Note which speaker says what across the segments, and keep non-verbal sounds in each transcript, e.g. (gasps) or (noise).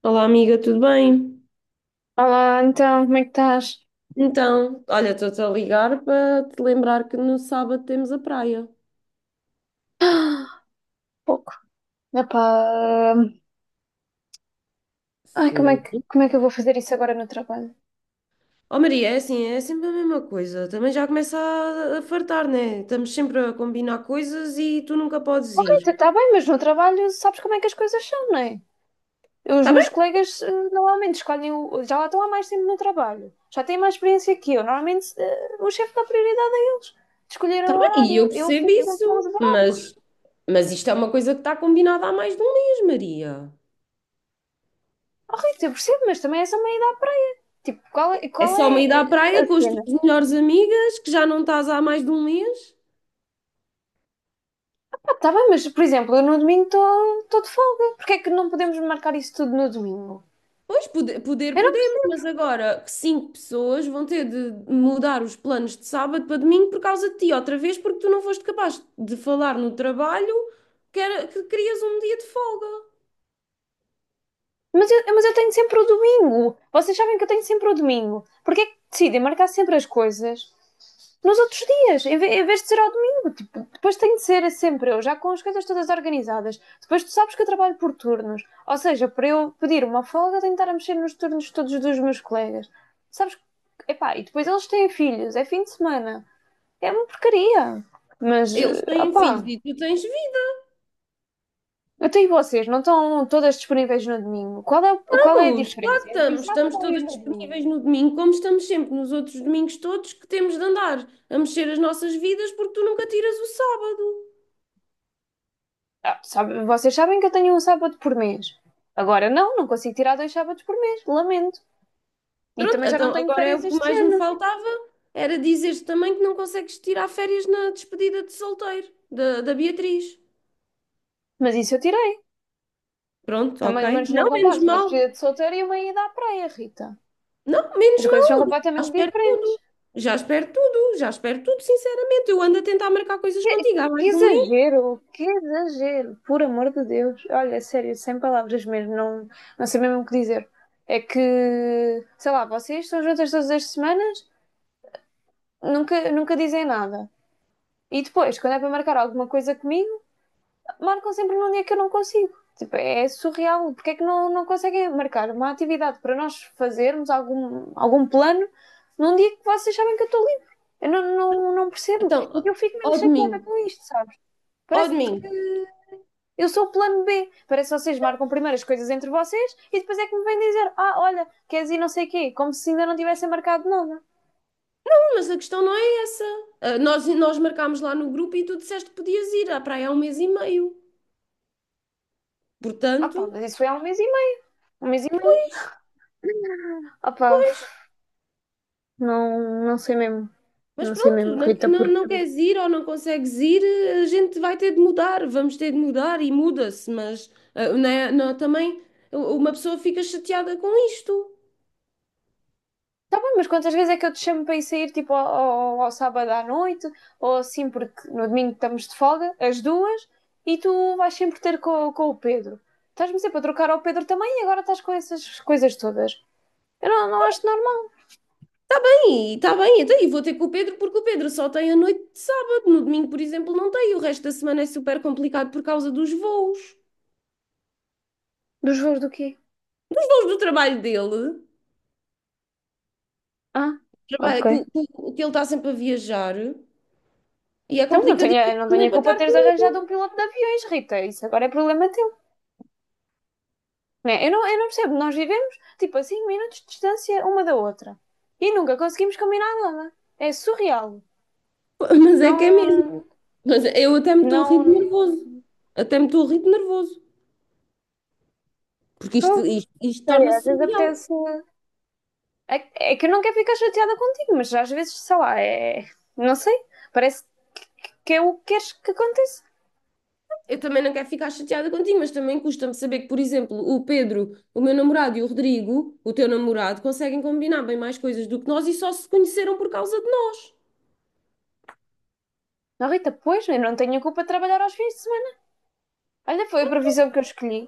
Speaker 1: Olá, amiga, tudo bem?
Speaker 2: Olá, como é que estás?
Speaker 1: Então, olha, estou-te a ligar para te lembrar que no sábado temos a praia.
Speaker 2: (gasps) Pouco. Epá, ai,
Speaker 1: Sim.
Speaker 2: como é que eu vou fazer isso agora no trabalho?
Speaker 1: Oh, Maria, é assim, é sempre a mesma coisa. Também já começa a fartar, né? Estamos sempre a combinar coisas e tu nunca podes
Speaker 2: Oh, Rita,
Speaker 1: ir.
Speaker 2: está bem, mas no trabalho sabes como é que as coisas são, não é? Os
Speaker 1: Tá
Speaker 2: meus
Speaker 1: bem,
Speaker 2: colegas normalmente escolhem, o, já lá estão há mais tempo no trabalho, já têm mais experiência que eu. Normalmente o chefe dá prioridade a eles, de escolherem o
Speaker 1: tá bem, e
Speaker 2: horário.
Speaker 1: eu
Speaker 2: Eu
Speaker 1: percebo
Speaker 2: fico sempre a
Speaker 1: isso,
Speaker 2: liberar.
Speaker 1: mas isto é uma coisa que está combinada há mais de um mês, Maria.
Speaker 2: Oh, Rita, eu percebo, mas também essa é uma ida à praia. Tipo,
Speaker 1: É
Speaker 2: qual
Speaker 1: só
Speaker 2: é
Speaker 1: uma ida à
Speaker 2: a
Speaker 1: praia com as
Speaker 2: cena?
Speaker 1: tuas melhores amigas, que já não estás há mais de um mês?
Speaker 2: Está bem, mas por exemplo, eu no domingo estou de folga. Porquê é que não podemos marcar isso tudo no domingo?
Speaker 1: Pois, poder
Speaker 2: Eu não-
Speaker 1: podemos, mas agora cinco pessoas vão ter de mudar os planos de sábado para domingo por causa de ti, outra vez, porque tu não foste capaz de falar no trabalho que querias um dia de folga.
Speaker 2: mas eu tenho sempre o domingo. Vocês sabem que eu tenho sempre o domingo. Porquê é que decidem marcar sempre as coisas nos outros dias, em, vez de ser ao domingo? Tipo, depois tem de ser sempre eu, já com as coisas todas organizadas. Depois tu sabes que eu trabalho por turnos. Ou seja, para eu pedir uma folga, tenho de estar a mexer nos turnos todos dos meus colegas. Sabes? que- Epá, e depois eles têm filhos, é fim de semana. É uma porcaria. Mas,
Speaker 1: Eles
Speaker 2: eh,
Speaker 1: têm filhos
Speaker 2: opá,
Speaker 1: e tu tens vida.
Speaker 2: até e vocês não estão todas disponíveis no domingo. Qual é a
Speaker 1: Estamos claro
Speaker 2: diferença
Speaker 1: que
Speaker 2: entre ir
Speaker 1: estamos.
Speaker 2: sábado
Speaker 1: Estamos
Speaker 2: ou ir
Speaker 1: todas
Speaker 2: no
Speaker 1: disponíveis
Speaker 2: domingo?
Speaker 1: no domingo, como estamos sempre nos outros domingos todos que temos de andar a mexer as nossas vidas porque tu nunca tiras o sábado.
Speaker 2: Vocês sabem que eu tenho um sábado por mês. Agora não consigo tirar dois sábados por mês, lamento. E
Speaker 1: Pronto,
Speaker 2: também já
Speaker 1: então
Speaker 2: não tenho
Speaker 1: agora é
Speaker 2: férias
Speaker 1: o que
Speaker 2: este
Speaker 1: mais me
Speaker 2: ano.
Speaker 1: faltava, era dizeres também que não consegues tirar férias na despedida de solteiro da Beatriz.
Speaker 2: Mas isso eu tirei.
Speaker 1: Pronto, ok.
Speaker 2: Também, mas não
Speaker 1: Não, menos
Speaker 2: comparo uma
Speaker 1: mal.
Speaker 2: despedida de solteiro e uma ida à praia, Rita.
Speaker 1: Não, menos
Speaker 2: As coisas são
Speaker 1: mal. Já
Speaker 2: completamente
Speaker 1: espero
Speaker 2: diferentes.
Speaker 1: tudo. Já espero tudo. Já espero tudo, sinceramente. Eu ando a tentar marcar coisas contigo há mais de um mês.
Speaker 2: Que exagero, por amor de Deus. Olha, sério, sem palavras mesmo, não sei mesmo o que dizer. É que, sei lá, vocês estão juntas todas as semanas, nunca dizem nada. E depois, quando é para marcar alguma coisa comigo, marcam sempre num dia que eu não consigo. Tipo, é surreal. Porque é que não conseguem marcar uma atividade para nós fazermos algum plano num dia que vocês sabem que eu estou livre? Eu não percebo. E
Speaker 1: Então,
Speaker 2: eu fico mesmo
Speaker 1: ó de
Speaker 2: chateada
Speaker 1: mim,
Speaker 2: com isto, sabes?
Speaker 1: ó
Speaker 2: Parece
Speaker 1: de mim.
Speaker 2: que eu sou o plano B. Parece que vocês marcam primeiro as coisas entre vocês e depois é que me vêm dizer: Ah, olha, queres ir não sei o quê, como se ainda não tivessem marcado nada.
Speaker 1: Não, mas a questão não é essa. Ah, nós marcámos lá no grupo e tu disseste que podias ir à praia há um mês e meio.
Speaker 2: Ah
Speaker 1: Portanto,
Speaker 2: pá, mas isso foi há um mês e meio. Um mês e meio. Ah pá,
Speaker 1: pois.
Speaker 2: não sei mesmo.
Speaker 1: Mas
Speaker 2: Não sei
Speaker 1: pronto,
Speaker 2: mesmo,
Speaker 1: não,
Speaker 2: Rita,
Speaker 1: não, não
Speaker 2: porque.
Speaker 1: queres ir ou não consegues ir, a gente vai ter de mudar, vamos ter de mudar e muda-se, mas não, também uma pessoa fica chateada com isto.
Speaker 2: Tá bem, mas quantas vezes é que eu te chamo para ir sair tipo ao sábado à noite ou assim, porque no domingo estamos de folga, as duas, e tu vais sempre ter com o Pedro. Estás-me sempre a trocar ao Pedro também e agora estás com essas coisas todas. Eu não acho normal.
Speaker 1: E está bem, então e vou ter com o Pedro porque o Pedro só tem a noite de sábado, no domingo, por exemplo, não tem, e o resto da semana é super complicado por causa dos voos.
Speaker 2: Dos voos do quê?
Speaker 1: Os voos do trabalho dele,
Speaker 2: Ah, ok.
Speaker 1: que ele está sempre a viajar, e é
Speaker 2: Então não tenho,
Speaker 1: complicadíssimo
Speaker 2: eu não tenho
Speaker 1: também
Speaker 2: a
Speaker 1: para
Speaker 2: culpa de
Speaker 1: estar
Speaker 2: teres
Speaker 1: comigo,
Speaker 2: arranjado um piloto de aviões, Rita. Isso agora é problema teu. Né? Eu não percebo. Nós vivemos tipo a 5 minutos de distância uma da outra. E nunca conseguimos combinar nada. É surreal.
Speaker 1: (laughs) mas é que é mesmo.
Speaker 2: Não.
Speaker 1: Mas eu até me estou a rir de
Speaker 2: Não.
Speaker 1: nervoso. Até me estou a rir de nervoso. Porque isto,
Speaker 2: Pô,
Speaker 1: isto, isto
Speaker 2: sei,
Speaker 1: torna-se
Speaker 2: às vezes
Speaker 1: surreal.
Speaker 2: apetece. É, é que eu não quero ficar chateada contigo, mas às vezes, sei lá, é. Não sei. Parece que, que é o que queres que aconteça.
Speaker 1: Eu também não quero ficar chateada contigo, mas também custa-me saber que, por exemplo, o Pedro, o meu namorado e o Rodrigo, o teu namorado, conseguem combinar bem mais coisas do que nós e só se conheceram por causa de nós.
Speaker 2: Não, Rita, pois, eu não tenho a culpa de trabalhar aos fins de semana. Olha, foi a profissão que eu escolhi.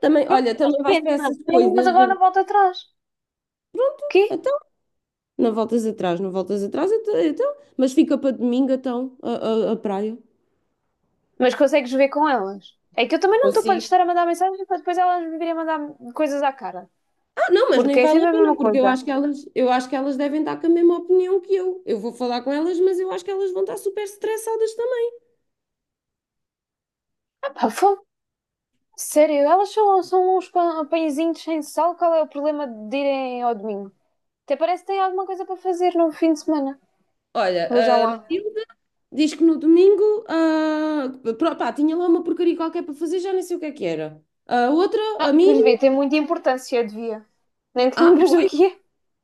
Speaker 1: Também,
Speaker 2: Pronto,
Speaker 1: olha, também vais para
Speaker 2: arrepende-me,
Speaker 1: essas
Speaker 2: arrepende-me, mas
Speaker 1: coisas.
Speaker 2: agora não volto atrás. Quê?
Speaker 1: Então, não voltas atrás, não voltas atrás, então, mas fica para domingo, então, a praia.
Speaker 2: Mas consegues ver com elas. É que eu também não estou para lhes
Speaker 1: Consigo.
Speaker 2: estar a mandar mensagem para depois elas me virem a mandar coisas à cara.
Speaker 1: Não, mas nem
Speaker 2: Porque é
Speaker 1: vale a
Speaker 2: sempre a mesma
Speaker 1: pena, porque eu
Speaker 2: coisa.
Speaker 1: acho que elas, eu acho que elas devem estar com a mesma opinião que eu. Eu vou falar com elas, mas eu acho que elas vão estar super estressadas também.
Speaker 2: Ah, pá, fogo. Sério, são uns pãezinhos sem sal. Qual é o problema de irem ao domingo? Até parece que têm alguma coisa para fazer no fim de semana. Vejam
Speaker 1: Olha, a
Speaker 2: lá.
Speaker 1: Matilde diz que no domingo, pá, tinha lá uma porcaria qualquer para fazer, já nem sei o que é que era. A outra,
Speaker 2: Ah,
Speaker 1: a
Speaker 2: pois vê,
Speaker 1: Mini,
Speaker 2: tem muita importância, devia. Nem te
Speaker 1: ah,
Speaker 2: lembras do
Speaker 1: foi,
Speaker 2: que é?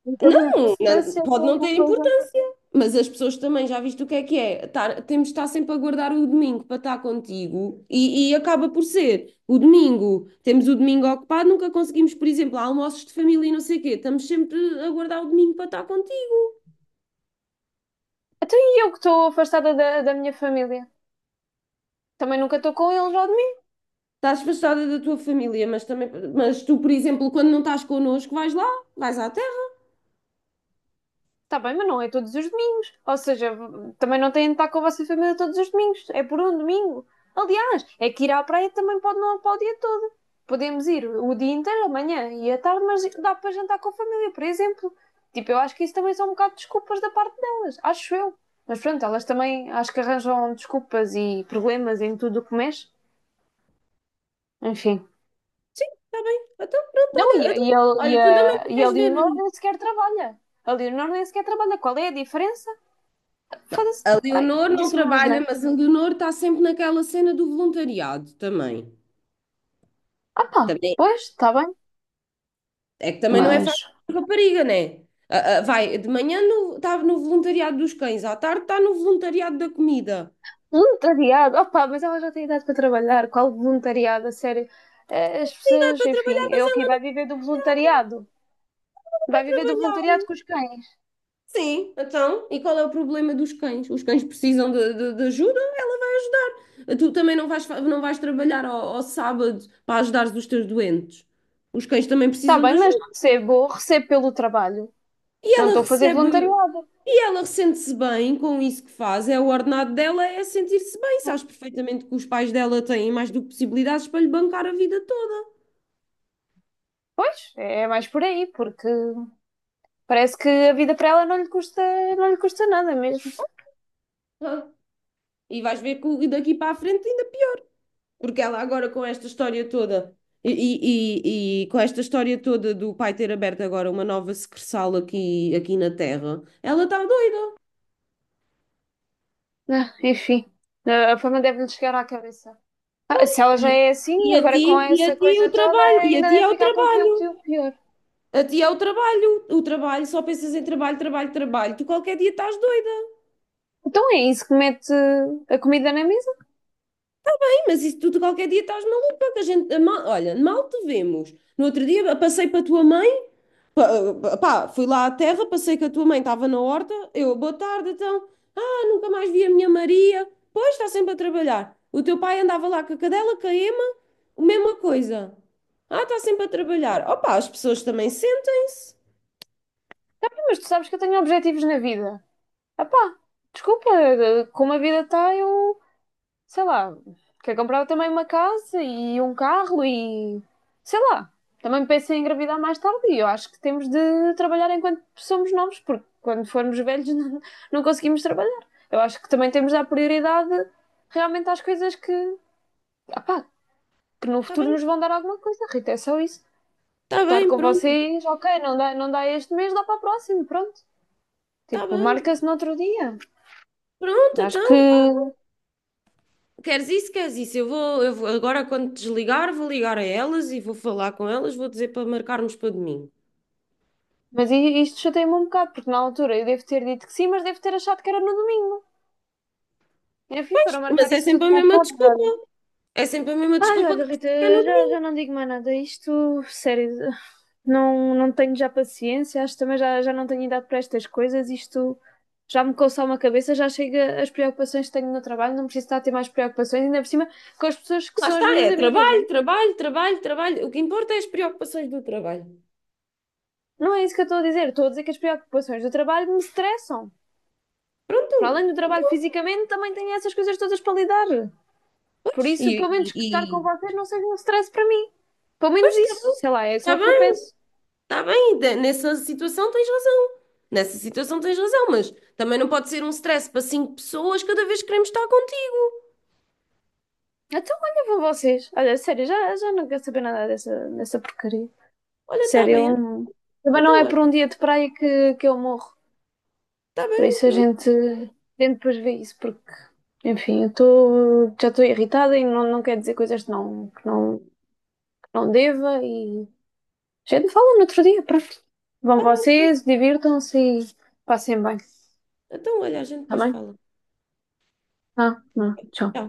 Speaker 2: Tem muita
Speaker 1: não, não-
Speaker 2: importância, tem
Speaker 1: pode não
Speaker 2: alguma
Speaker 1: ter
Speaker 2: coisa.
Speaker 1: importância. Mas as pessoas também, já viste o que é que é? Temos de estar sempre a guardar o domingo para estar contigo e acaba por ser o domingo. Temos o domingo ocupado, nunca conseguimos, por exemplo, almoços de família e não sei o quê. Estamos sempre a guardar o domingo para estar contigo.
Speaker 2: Então e eu que estou afastada da minha família? Também nunca estou com eles ao domingo.
Speaker 1: Estás afastada da tua família, mas também, mas tu, por exemplo, quando não estás connosco, vais lá, vais à terra,
Speaker 2: Está bem, mas não é todos os domingos. Ou seja, também não têm de estar com a vossa família todos os domingos. É por um domingo. Aliás, é que ir à praia também pode não para o dia todo. Podemos ir o dia inteiro, amanhã e à tarde, mas dá para jantar com a família, por exemplo. Tipo, eu acho que isso também são um bocado de desculpas da parte delas. Acho eu. Mas pronto, elas também acho que arranjam desculpas e problemas em tudo o que mexe. Enfim.
Speaker 1: está bem? Então, pronto,
Speaker 2: Não, e,
Speaker 1: olha,
Speaker 2: a- e, a- e,
Speaker 1: olha,
Speaker 2: a,
Speaker 1: tu também
Speaker 2: e a
Speaker 1: queres
Speaker 2: Leonor
Speaker 1: ver.
Speaker 2: nem sequer trabalha. A Leonor nem sequer trabalha. Qual é a diferença? Foda-se.
Speaker 1: A
Speaker 2: Ai,
Speaker 1: Leonor não
Speaker 2: disse uma
Speaker 1: trabalha,
Speaker 2: asneira.
Speaker 1: mas a Leonor está sempre naquela cena do voluntariado também.
Speaker 2: Ah pá,
Speaker 1: Também
Speaker 2: pois, está bem.
Speaker 1: É que também não é
Speaker 2: Mas.
Speaker 1: fácil para rapariga, né? Vai, de manhã estava no voluntariado dos cães, à tarde está no voluntariado da comida.
Speaker 2: Voluntariado. Ah pá, mas ela já tem idade para trabalhar. Qual voluntariado? A sério. As
Speaker 1: Sim, dá
Speaker 2: pessoas,
Speaker 1: para trabalhar,
Speaker 2: enfim, é
Speaker 1: mas
Speaker 2: o quê?
Speaker 1: ela
Speaker 2: Vai
Speaker 1: não
Speaker 2: viver do voluntariado. Vai viver do voluntariado
Speaker 1: trabalhar.
Speaker 2: com os cães.
Speaker 1: Sim, então, e qual é o problema dos cães? Os cães precisam de ajuda, ela vai ajudar. Tu também não vais, não vais trabalhar ao sábado para ajudar os teus doentes. Os cães também
Speaker 2: Está
Speaker 1: precisam
Speaker 2: bem,
Speaker 1: de
Speaker 2: mas
Speaker 1: ajuda.
Speaker 2: recebo, recebo pelo trabalho.
Speaker 1: E
Speaker 2: Não
Speaker 1: ela
Speaker 2: estou a fazer
Speaker 1: recebe,
Speaker 2: voluntariado.
Speaker 1: e ela sente-se bem com isso que faz, é o ordenado dela, é sentir-se bem. Sabes perfeitamente que os pais dela têm mais do que possibilidades para lhe bancar a vida toda.
Speaker 2: Pois, é mais por aí, porque parece que a vida para ela não lhe custa, não lhe custa nada mesmo.
Speaker 1: Ah, e vais ver que daqui para a frente ainda pior, porque ela agora com esta história toda. E com esta história toda do pai ter aberto agora uma nova secretaria aqui, na Terra, ela está doida.
Speaker 2: Ah, enfim, a fama deve-lhe chegar à cabeça. Ah, se ela já
Speaker 1: E,
Speaker 2: é assim,
Speaker 1: e a
Speaker 2: agora
Speaker 1: ti,
Speaker 2: com
Speaker 1: e a
Speaker 2: essa
Speaker 1: ti
Speaker 2: coisa
Speaker 1: o
Speaker 2: toda,
Speaker 1: trabalho, e a
Speaker 2: ainda
Speaker 1: ti
Speaker 2: deve
Speaker 1: é o
Speaker 2: ficar com um
Speaker 1: trabalho.
Speaker 2: feito pior.
Speaker 1: A ti é o trabalho, só pensas em trabalho, trabalho, trabalho. Tu qualquer dia estás doida.
Speaker 2: Então é isso que mete a comida na mesa?
Speaker 1: Sim, mas isso tu qualquer dia estás maluca, que a gente, olha, mal te vemos. No outro dia passei para a tua mãe, pá, fui lá à terra, passei com a tua mãe, estava na horta, eu, boa tarde, então. Ah, nunca mais vi a minha Maria. Pois, está sempre a trabalhar. O teu pai andava lá com a cadela, com a Ema, a mesma coisa. Ah, está sempre a trabalhar. Opa, as pessoas também sentem-se.
Speaker 2: Mas tu sabes que eu tenho objetivos na vida. Ah pá, desculpa, como a vida está, eu, sei lá, quero comprar também uma casa e um carro e, sei lá, também penso em engravidar mais tarde e eu acho que temos de trabalhar enquanto somos novos, porque quando formos velhos (laughs) não conseguimos trabalhar. Eu acho que também temos de dar prioridade realmente às coisas que, ah pá, que no
Speaker 1: Está
Speaker 2: futuro
Speaker 1: bem,
Speaker 2: nos vão dar alguma coisa, Rita, é só isso.
Speaker 1: está
Speaker 2: Estar
Speaker 1: bem,
Speaker 2: com
Speaker 1: pronto.
Speaker 2: vocês, ok, não dá este mês, dá para o próximo, pronto.
Speaker 1: Está
Speaker 2: Tipo,
Speaker 1: bem.
Speaker 2: marca-se no outro dia.
Speaker 1: Pronto,
Speaker 2: Acho
Speaker 1: então.
Speaker 2: que.
Speaker 1: Queres isso, queres isso? Agora quando desligar, vou ligar a elas e vou falar com elas, vou dizer para marcarmos para domingo.
Speaker 2: Mas isto chateia-me um bocado, porque na altura eu devo ter dito que sim, mas devo ter achado que era no domingo. Enfim, para marcar
Speaker 1: Mas é
Speaker 2: isso tudo
Speaker 1: sempre a
Speaker 2: para o
Speaker 1: mesma desculpa.
Speaker 2: sábado.
Speaker 1: É sempre a mesma
Speaker 2: Ai,
Speaker 1: desculpa
Speaker 2: olha, Rita,
Speaker 1: que é no domingo.
Speaker 2: já não digo mais nada. Isto, sério, não tenho já paciência. Acho que também já não tenho idade para estas coisas. Isto já me coça uma cabeça, já chega as preocupações que tenho no trabalho. Não preciso estar a ter mais preocupações, ainda por cima com as pessoas que
Speaker 1: Lá
Speaker 2: são as
Speaker 1: está,
Speaker 2: minhas
Speaker 1: é
Speaker 2: amigas, né?
Speaker 1: trabalho, trabalho, trabalho, trabalho. O que importa é as preocupações do trabalho.
Speaker 2: Não é isso que eu estou a dizer. Estou a dizer que as preocupações do trabalho me estressam. Para
Speaker 1: Pronto.
Speaker 2: além do trabalho fisicamente, também tenho essas coisas todas para lidar. Por isso,
Speaker 1: E,
Speaker 2: pelo menos
Speaker 1: e,
Speaker 2: que estar com
Speaker 1: e-
Speaker 2: vocês não seja um stress para mim. Pelo menos
Speaker 1: pois
Speaker 2: isso, sei lá, é só
Speaker 1: está bem, está
Speaker 2: o que eu
Speaker 1: bem,
Speaker 2: peço.
Speaker 1: está bem. Nessa situação tens razão. Nessa situação tens razão, mas também não pode ser um stress para cinco pessoas cada vez que queremos estar contigo.
Speaker 2: Então olha para vocês. Olha, sério, já não quero saber nada dessa, dessa porcaria.
Speaker 1: Olha, está
Speaker 2: Sério,
Speaker 1: bem,
Speaker 2: também não
Speaker 1: então
Speaker 2: é por
Speaker 1: olha,
Speaker 2: um dia de praia que eu morro.
Speaker 1: está
Speaker 2: Por
Speaker 1: bem,
Speaker 2: isso
Speaker 1: pronto.
Speaker 2: a gente depois vê isso, porque, enfim, já estou irritada e não quero dizer coisas que não deva e a gente fala no outro dia, pronto. Vão vocês, divirtam-se e passem bem,
Speaker 1: Então, olha, a gente
Speaker 2: está
Speaker 1: depois
Speaker 2: bem?
Speaker 1: fala.
Speaker 2: Ah, não, tchau.
Speaker 1: Tchau.